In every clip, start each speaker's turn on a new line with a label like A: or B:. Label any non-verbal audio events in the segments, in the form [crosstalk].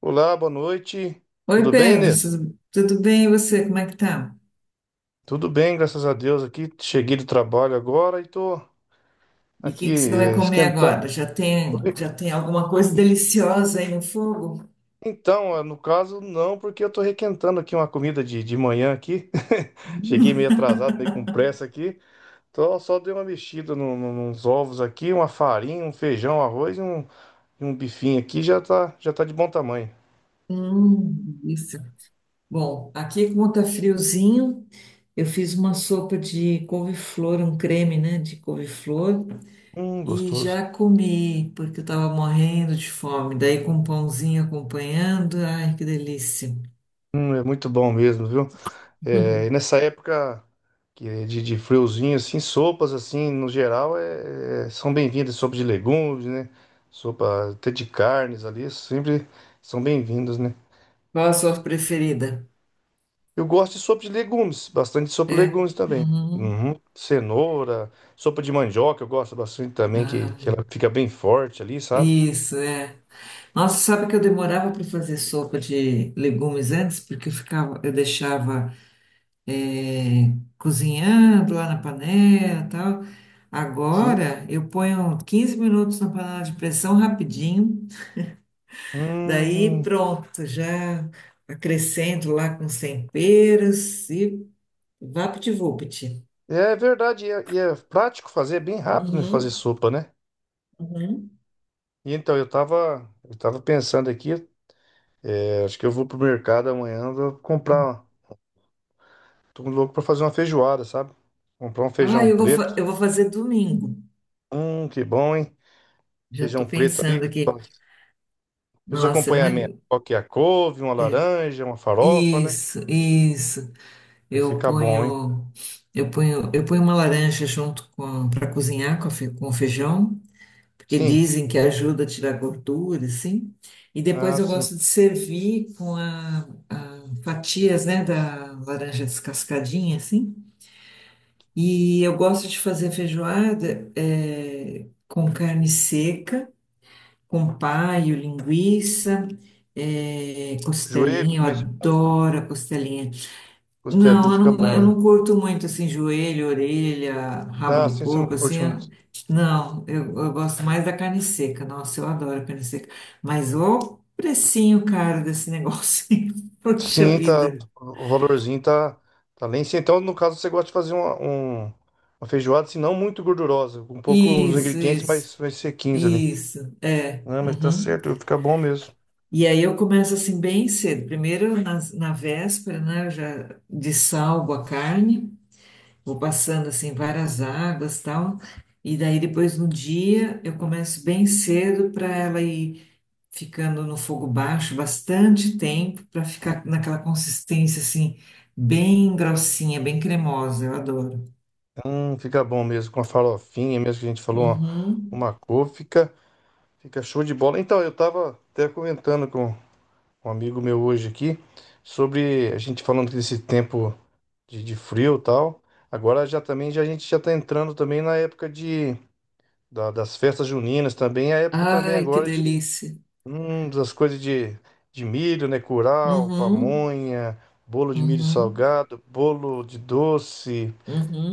A: Olá, boa noite.
B: Oi,
A: Tudo bem,
B: Pedro,
A: Inês?
B: tudo bem? E você, como é que tá?
A: Tudo bem, graças a Deus. Aqui cheguei do trabalho agora e tô
B: E o
A: aqui
B: que que você vai comer agora?
A: esquentando. Tô re-
B: Já tem alguma coisa deliciosa aí no fogo?
A: Então, no caso, não, porque eu tô requentando aqui uma comida de manhã aqui.
B: [laughs]
A: [laughs] Cheguei meio
B: Hum,
A: atrasado, meio com pressa aqui. Então, só dei uma mexida nos ovos aqui, uma farinha, um feijão, arroz e um bifinho aqui, já tá de bom tamanho.
B: isso. Bom, aqui como tá friozinho, eu fiz uma sopa de couve-flor, um creme, né, de couve-flor, e
A: Gostoso.
B: já comi, porque eu tava morrendo de fome. Daí com um pãozinho acompanhando, ai, que delícia.
A: É muito bom mesmo, viu? É, e
B: [laughs]
A: nessa época que é de friozinho, assim, sopas, assim, no geral, são bem-vindas. Sopa de legumes, né? Sopa até de carnes ali, sempre são bem-vindas, né?
B: Qual a sua preferida?
A: Eu gosto de sopa de legumes, bastante sopa de
B: É?
A: legumes também.
B: Uhum.
A: Uhum. Cenoura, sopa de mandioca, eu gosto bastante também,
B: Ah,
A: que ela fica bem forte ali, sabe?
B: isso, é. Nossa, sabe que eu demorava para fazer sopa de legumes antes, porque eu deixava é, cozinhando lá na panela, e tal.
A: Sim.
B: Agora eu ponho 15 minutos na panela de pressão rapidinho, daí
A: Hum,
B: pronto, já acrescento lá com os temperos e vapt-vupt.
A: é verdade, e é prático fazer, é bem rápido, né, fazer
B: Uhum,
A: sopa, né?
B: uhum.
A: E então, eu tava pensando aqui. É, acho que eu vou pro mercado amanhã, vou comprar. Tô louco pra fazer uma feijoada, sabe? Comprar um
B: Ah,
A: feijão preto.
B: eu vou fazer domingo.
A: Que bom, hein?
B: Já estou
A: Feijão preto ali.
B: pensando aqui.
A: E os
B: Nossa,
A: acompanhamentos?
B: mãe,
A: Qual que é a couve, uma laranja, uma farofa, né?
B: isso, isso.
A: Vai
B: Eu
A: ficar bom, hein?
B: ponho, eu ponho uma laranja junto com para cozinhar com, com o feijão, porque
A: Sim.
B: dizem que ajuda a tirar gordura, assim. E depois
A: Ah,
B: eu
A: sim.
B: gosto de servir com a fatias, né, da laranja descascadinha, assim. E eu gosto de fazer feijoada com carne seca, com paio, linguiça,
A: Joelho
B: costelinha. Eu
A: também. Você faz?
B: adoro a costelinha.
A: Costelinha
B: Não,
A: fica bom,
B: eu não
A: né?
B: curto muito assim, joelho, orelha, rabo
A: Ah,
B: do
A: sim, você não
B: porco, assim.
A: curte muito.
B: Não, eu gosto mais da carne seca. Nossa, eu adoro carne seca. Mas o precinho, caro desse negócio. [laughs] Poxa
A: Sim, tá.
B: vida.
A: O valorzinho tá, tá lá em cima. Então, no caso, você gosta de fazer uma feijoada, se não muito gordurosa, com um pouco os
B: Isso,
A: ingredientes
B: isso,
A: mais sequinhos ali.
B: isso. É.
A: Não, mas tá
B: Uhum.
A: certo, fica bom mesmo.
B: E aí eu começo assim bem cedo. Primeiro na véspera, né? Eu já dessalgo a carne. Vou passando assim várias águas tal. E daí depois no dia eu começo bem cedo para ela ir ficando no fogo baixo bastante tempo para ficar naquela consistência assim bem grossinha, bem cremosa. Eu adoro.
A: Fica bom mesmo, com a farofinha mesmo que a gente falou,
B: Uhum.
A: uma couve, fica show de bola. Então, eu tava até comentando com um amigo meu hoje aqui, sobre a gente falando desse tempo de frio e tal. Agora já também, já, a gente já tá entrando também na época das festas juninas também, a época também
B: Ai, que
A: agora de,
B: delícia.
A: das coisas de milho, né, curau,
B: Uhum.
A: pamonha, bolo de milho
B: Uhum.
A: salgado, bolo de doce.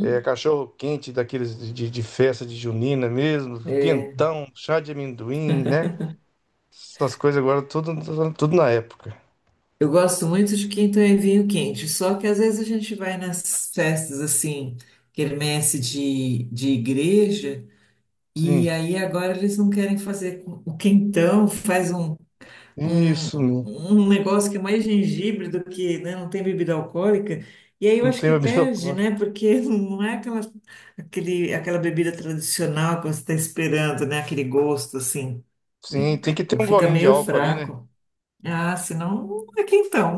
A: É, cachorro quente daqueles festa de junina mesmo,
B: É.
A: quentão, chá de amendoim, né? Essas coisas agora tudo na época.
B: Eu gosto muito de quinta e vinho quente, só que às vezes a gente vai nas festas assim, quermesse de igreja. E
A: Sim,
B: aí agora eles não querem fazer o quentão, faz um,
A: isso mesmo.
B: um negócio que é mais gengibre do que, né, não tem bebida alcoólica. E aí eu
A: Não
B: acho
A: tem
B: que
A: bebida
B: perde,
A: alcoólica.
B: né? Porque [laughs] não é aquela bebida tradicional que você está esperando, né? Aquele gosto assim.
A: Sim,
B: Bem,
A: tem que ter um
B: fica
A: golinho de
B: meio
A: álcool ali, né?
B: fraco. Ah, senão não é quentão.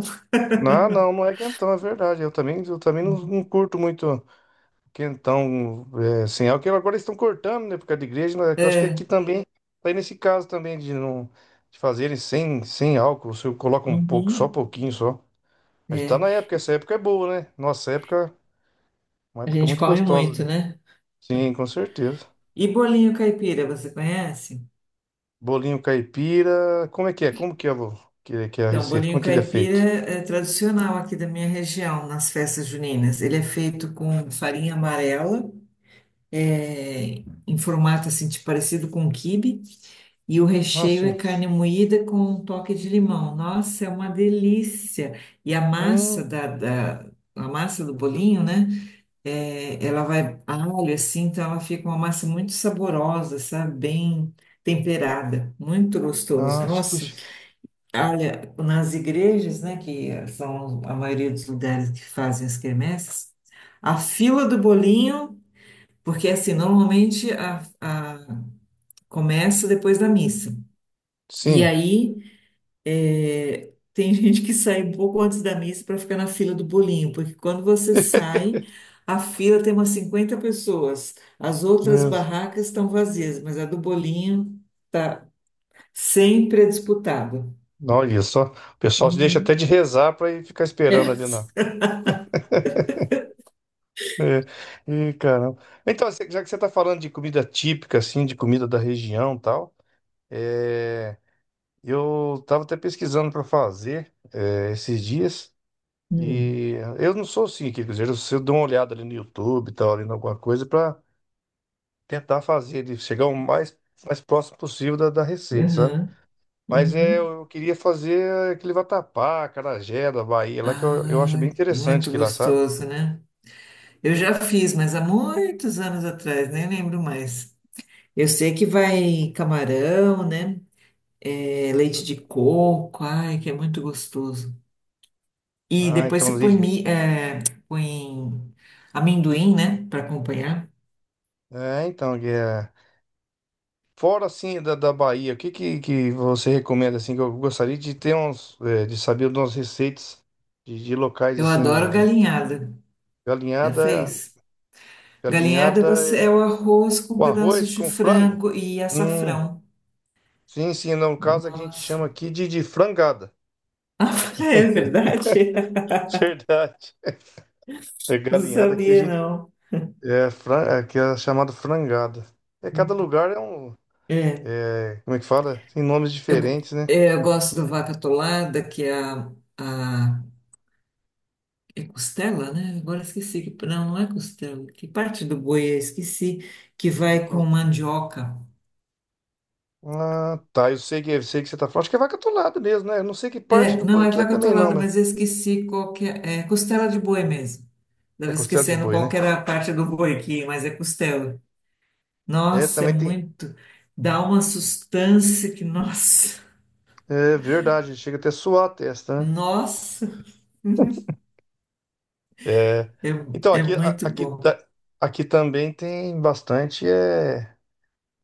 A: Não é quentão, é verdade. Eu também não curto muito quentão é, sem álcool. Agora eles estão cortando, né? Por causa da igreja, né? Que eu acho que aqui
B: É.
A: também, tá aí nesse caso também de não de fazerem sem álcool. Você coloca um pouco, só
B: Uhum.
A: pouquinho só. A gente tá
B: É.
A: na época, essa época é boa, né? Nossa época, uma
B: A
A: época
B: gente
A: muito
B: come
A: gostosa.
B: muito, né?
A: Sim, com certeza.
B: E bolinho caipira, você conhece?
A: Bolinho caipira, como é que é? Como que é, vô? Que é a
B: Então,
A: receita? Como
B: bolinho
A: é que ele é
B: caipira
A: feito?
B: é tradicional aqui da minha região, nas festas juninas. Ele é feito com farinha amarela, é, em formato assim, tipo, parecido com quibe, e o
A: Ah,
B: recheio é
A: sim.
B: carne moída com um toque de limão. Nossa, é uma delícia! E a massa
A: Hum,
B: a massa do bolinho, né? É, ela vai alho assim, então ela fica uma massa muito saborosa, sabe? Bem temperada, muito
A: ah,
B: gostoso. Nossa.
A: esqueci.
B: Olha, nas igrejas, né, que são a maioria dos lugares que fazem as quermesses, a fila do bolinho, porque assim, normalmente começa depois da missa. E
A: Sim.
B: aí é, tem [laughs] gente que sai um pouco antes da missa para ficar na fila do bolinho, porque quando você
A: [laughs]
B: sai, a fila tem umas 50 pessoas. As outras
A: Beleza.
B: barracas estão vazias, mas a do bolinho tá sempre disputada.
A: Olha só, o pessoal se deixa até de
B: Uhum.
A: rezar pra ir ficar esperando ali na.
B: [laughs]
A: É, e caramba. Então, já que você tá falando de comida típica, assim, de comida da região e tal, é, eu tava até pesquisando pra fazer é, esses dias.
B: É.
A: E eu não sou assim, quer dizer, eu dou uma olhada ali no YouTube, e tal, ali em alguma coisa para tentar fazer, de chegar o mais, mais próximo possível da receita, sabe?
B: Aham,
A: Mas é,
B: uhum.
A: eu queria fazer aquele vatapá, acarajé da Bahia, lá que eu acho bem
B: Ai,
A: interessante
B: muito
A: que lá, sabe?
B: gostoso, né? Eu já fiz, mas há muitos anos atrás, nem lembro mais. Eu sei que vai camarão, né? É, leite de coco, ai, que é muito gostoso. E
A: Ah,
B: depois
A: então,
B: você põe,
A: Lígia.
B: põe amendoim, né? Para acompanhar.
A: É, então, que é. Fora assim da Bahia, que você recomenda assim que eu gostaria de ter uns, é, de saber umas receitas de locais
B: Eu
A: assim
B: adoro
A: de
B: galinhada. Já
A: galinhada,
B: fez? Galinhada
A: galinhada.
B: você é o arroz com
A: O
B: pedaços
A: arroz
B: de
A: com frango?
B: frango e
A: Hum,
B: açafrão.
A: sim, sim, não. No caso a gente chama
B: Nossa. [laughs]
A: aqui de frangada.
B: Ah, é verdade?
A: [laughs] Verdade. É
B: Não
A: galinhada aqui a
B: sabia,
A: gente.
B: não.
A: É, aqui é chamado frangada. É, cada lugar é um.
B: É.
A: É, como é que fala? Tem nomes diferentes, né?
B: Eu gosto do vaca atolada, que é a é costela, né? Agora esqueci que não, não é costela. Que parte do boi é? Esqueci que vai com mandioca.
A: Ah, tá. Eu sei que você tá falando. Acho que é vaca atolada mesmo, né? Eu não sei que parte
B: É,
A: do
B: não
A: boi
B: é
A: que é
B: vaca
A: também, não,
B: atolada,
A: mas
B: mas eu esqueci qual que é, é costela de boi mesmo.
A: é
B: Estava
A: considerado de
B: esquecendo
A: boi,
B: qual que
A: né?
B: era a parte do boi aqui, mas é costela.
A: É,
B: Nossa, é
A: também tem.
B: muito. Dá uma sustância que, nossa,
A: É verdade, chega até a suar a
B: [laughs]
A: testa,
B: nossa,
A: né? É. Então,
B: é, é
A: aqui, a-
B: muito
A: aqui,
B: bom.
A: ta- aqui também tem bastante. É.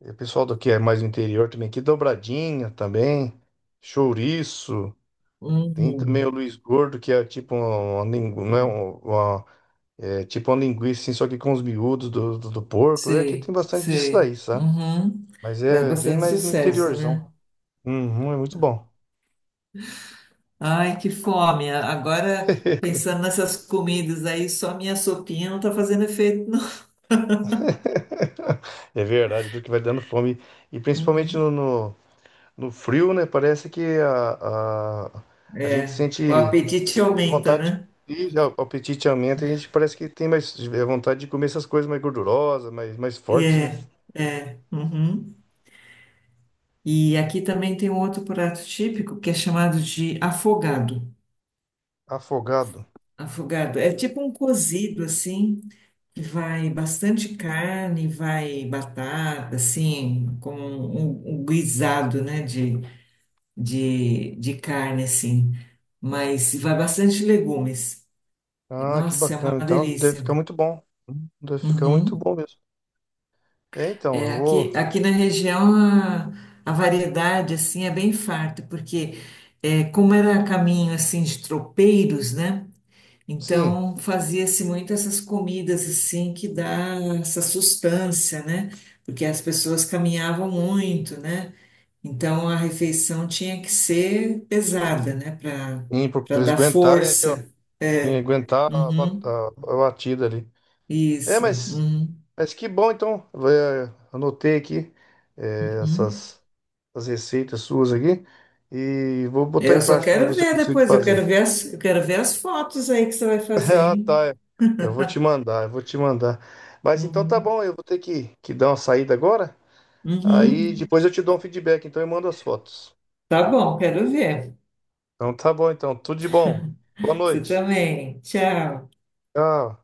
A: E o pessoal do que é mais do interior também, aqui dobradinha também, chouriço, tem também
B: Hum.
A: o Luiz Gordo, que é tipo uma, lingu- não é um- uma, é tipo uma linguiça, assim, só que com os miúdos do porco. E aqui tem
B: Sei,
A: bastante disso
B: sei.
A: daí, sabe?
B: Uhum.
A: Mas
B: Faz
A: é bem
B: bastante
A: mais no
B: sucesso, né?
A: interiorzão. Uhum, é muito bom.
B: Ai, que fome. Agora,
A: [laughs]
B: pensando nessas comidas aí, só minha sopinha não tá fazendo efeito, não.
A: É verdade, do que vai dando fome. E principalmente
B: Uhum.
A: no frio, né? Parece que a gente
B: É, o
A: sente.
B: apetite
A: De
B: aumenta,
A: vontade
B: né?
A: de ir, já, o apetite aumenta e a gente parece que tem mais é, vontade de comer essas coisas mais gordurosas, mais, mais fortes, né?
B: É. Uhum. E aqui também tem um outro prato típico que é chamado de afogado.
A: Afogado.
B: Afogado. É tipo um cozido, assim. Vai bastante carne, vai batata, assim, como um guisado, né, de carne, assim. Mas vai bastante legumes.
A: Ah, que
B: Nossa, é uma
A: bacana. Então, deve
B: delícia.
A: ficar muito bom. Deve ficar muito
B: Uhum.
A: bom mesmo. É, então,
B: É,
A: eu vou,
B: aqui na região a variedade, assim, é bem farta, porque é, como era caminho, assim, de tropeiros, né?
A: sim,
B: Então, fazia-se muito essas comidas assim que dá essa sustância, né? Porque as pessoas caminhavam muito, né? Então a refeição tinha que ser pesada, né? Para
A: pra eles
B: dar
A: aguentarem ali, ó.
B: força.
A: E
B: É.
A: aguentar
B: Uhum.
A: a batida ali. É,
B: Isso. Uhum.
A: mas que bom, então. Vai, é, anotei aqui é,
B: Uhum.
A: essas, essas receitas suas aqui e vou
B: É,
A: botar em
B: eu só
A: prática para
B: quero
A: ver se eu
B: ver
A: consigo
B: depois,
A: fazer.
B: eu quero ver as fotos aí que você vai
A: [laughs]
B: fazer,
A: Ah,
B: hein?
A: tá. Eu vou te mandar. Mas então tá
B: Uhum.
A: bom, eu vou ter que dar uma saída agora. Aí
B: Uhum.
A: depois eu te dou um feedback, então eu mando as fotos.
B: Tá bom, quero ver.
A: Então tá bom, então. Tudo de bom. Boa
B: [laughs] Você
A: noite.
B: também. Tchau.
A: Tchau.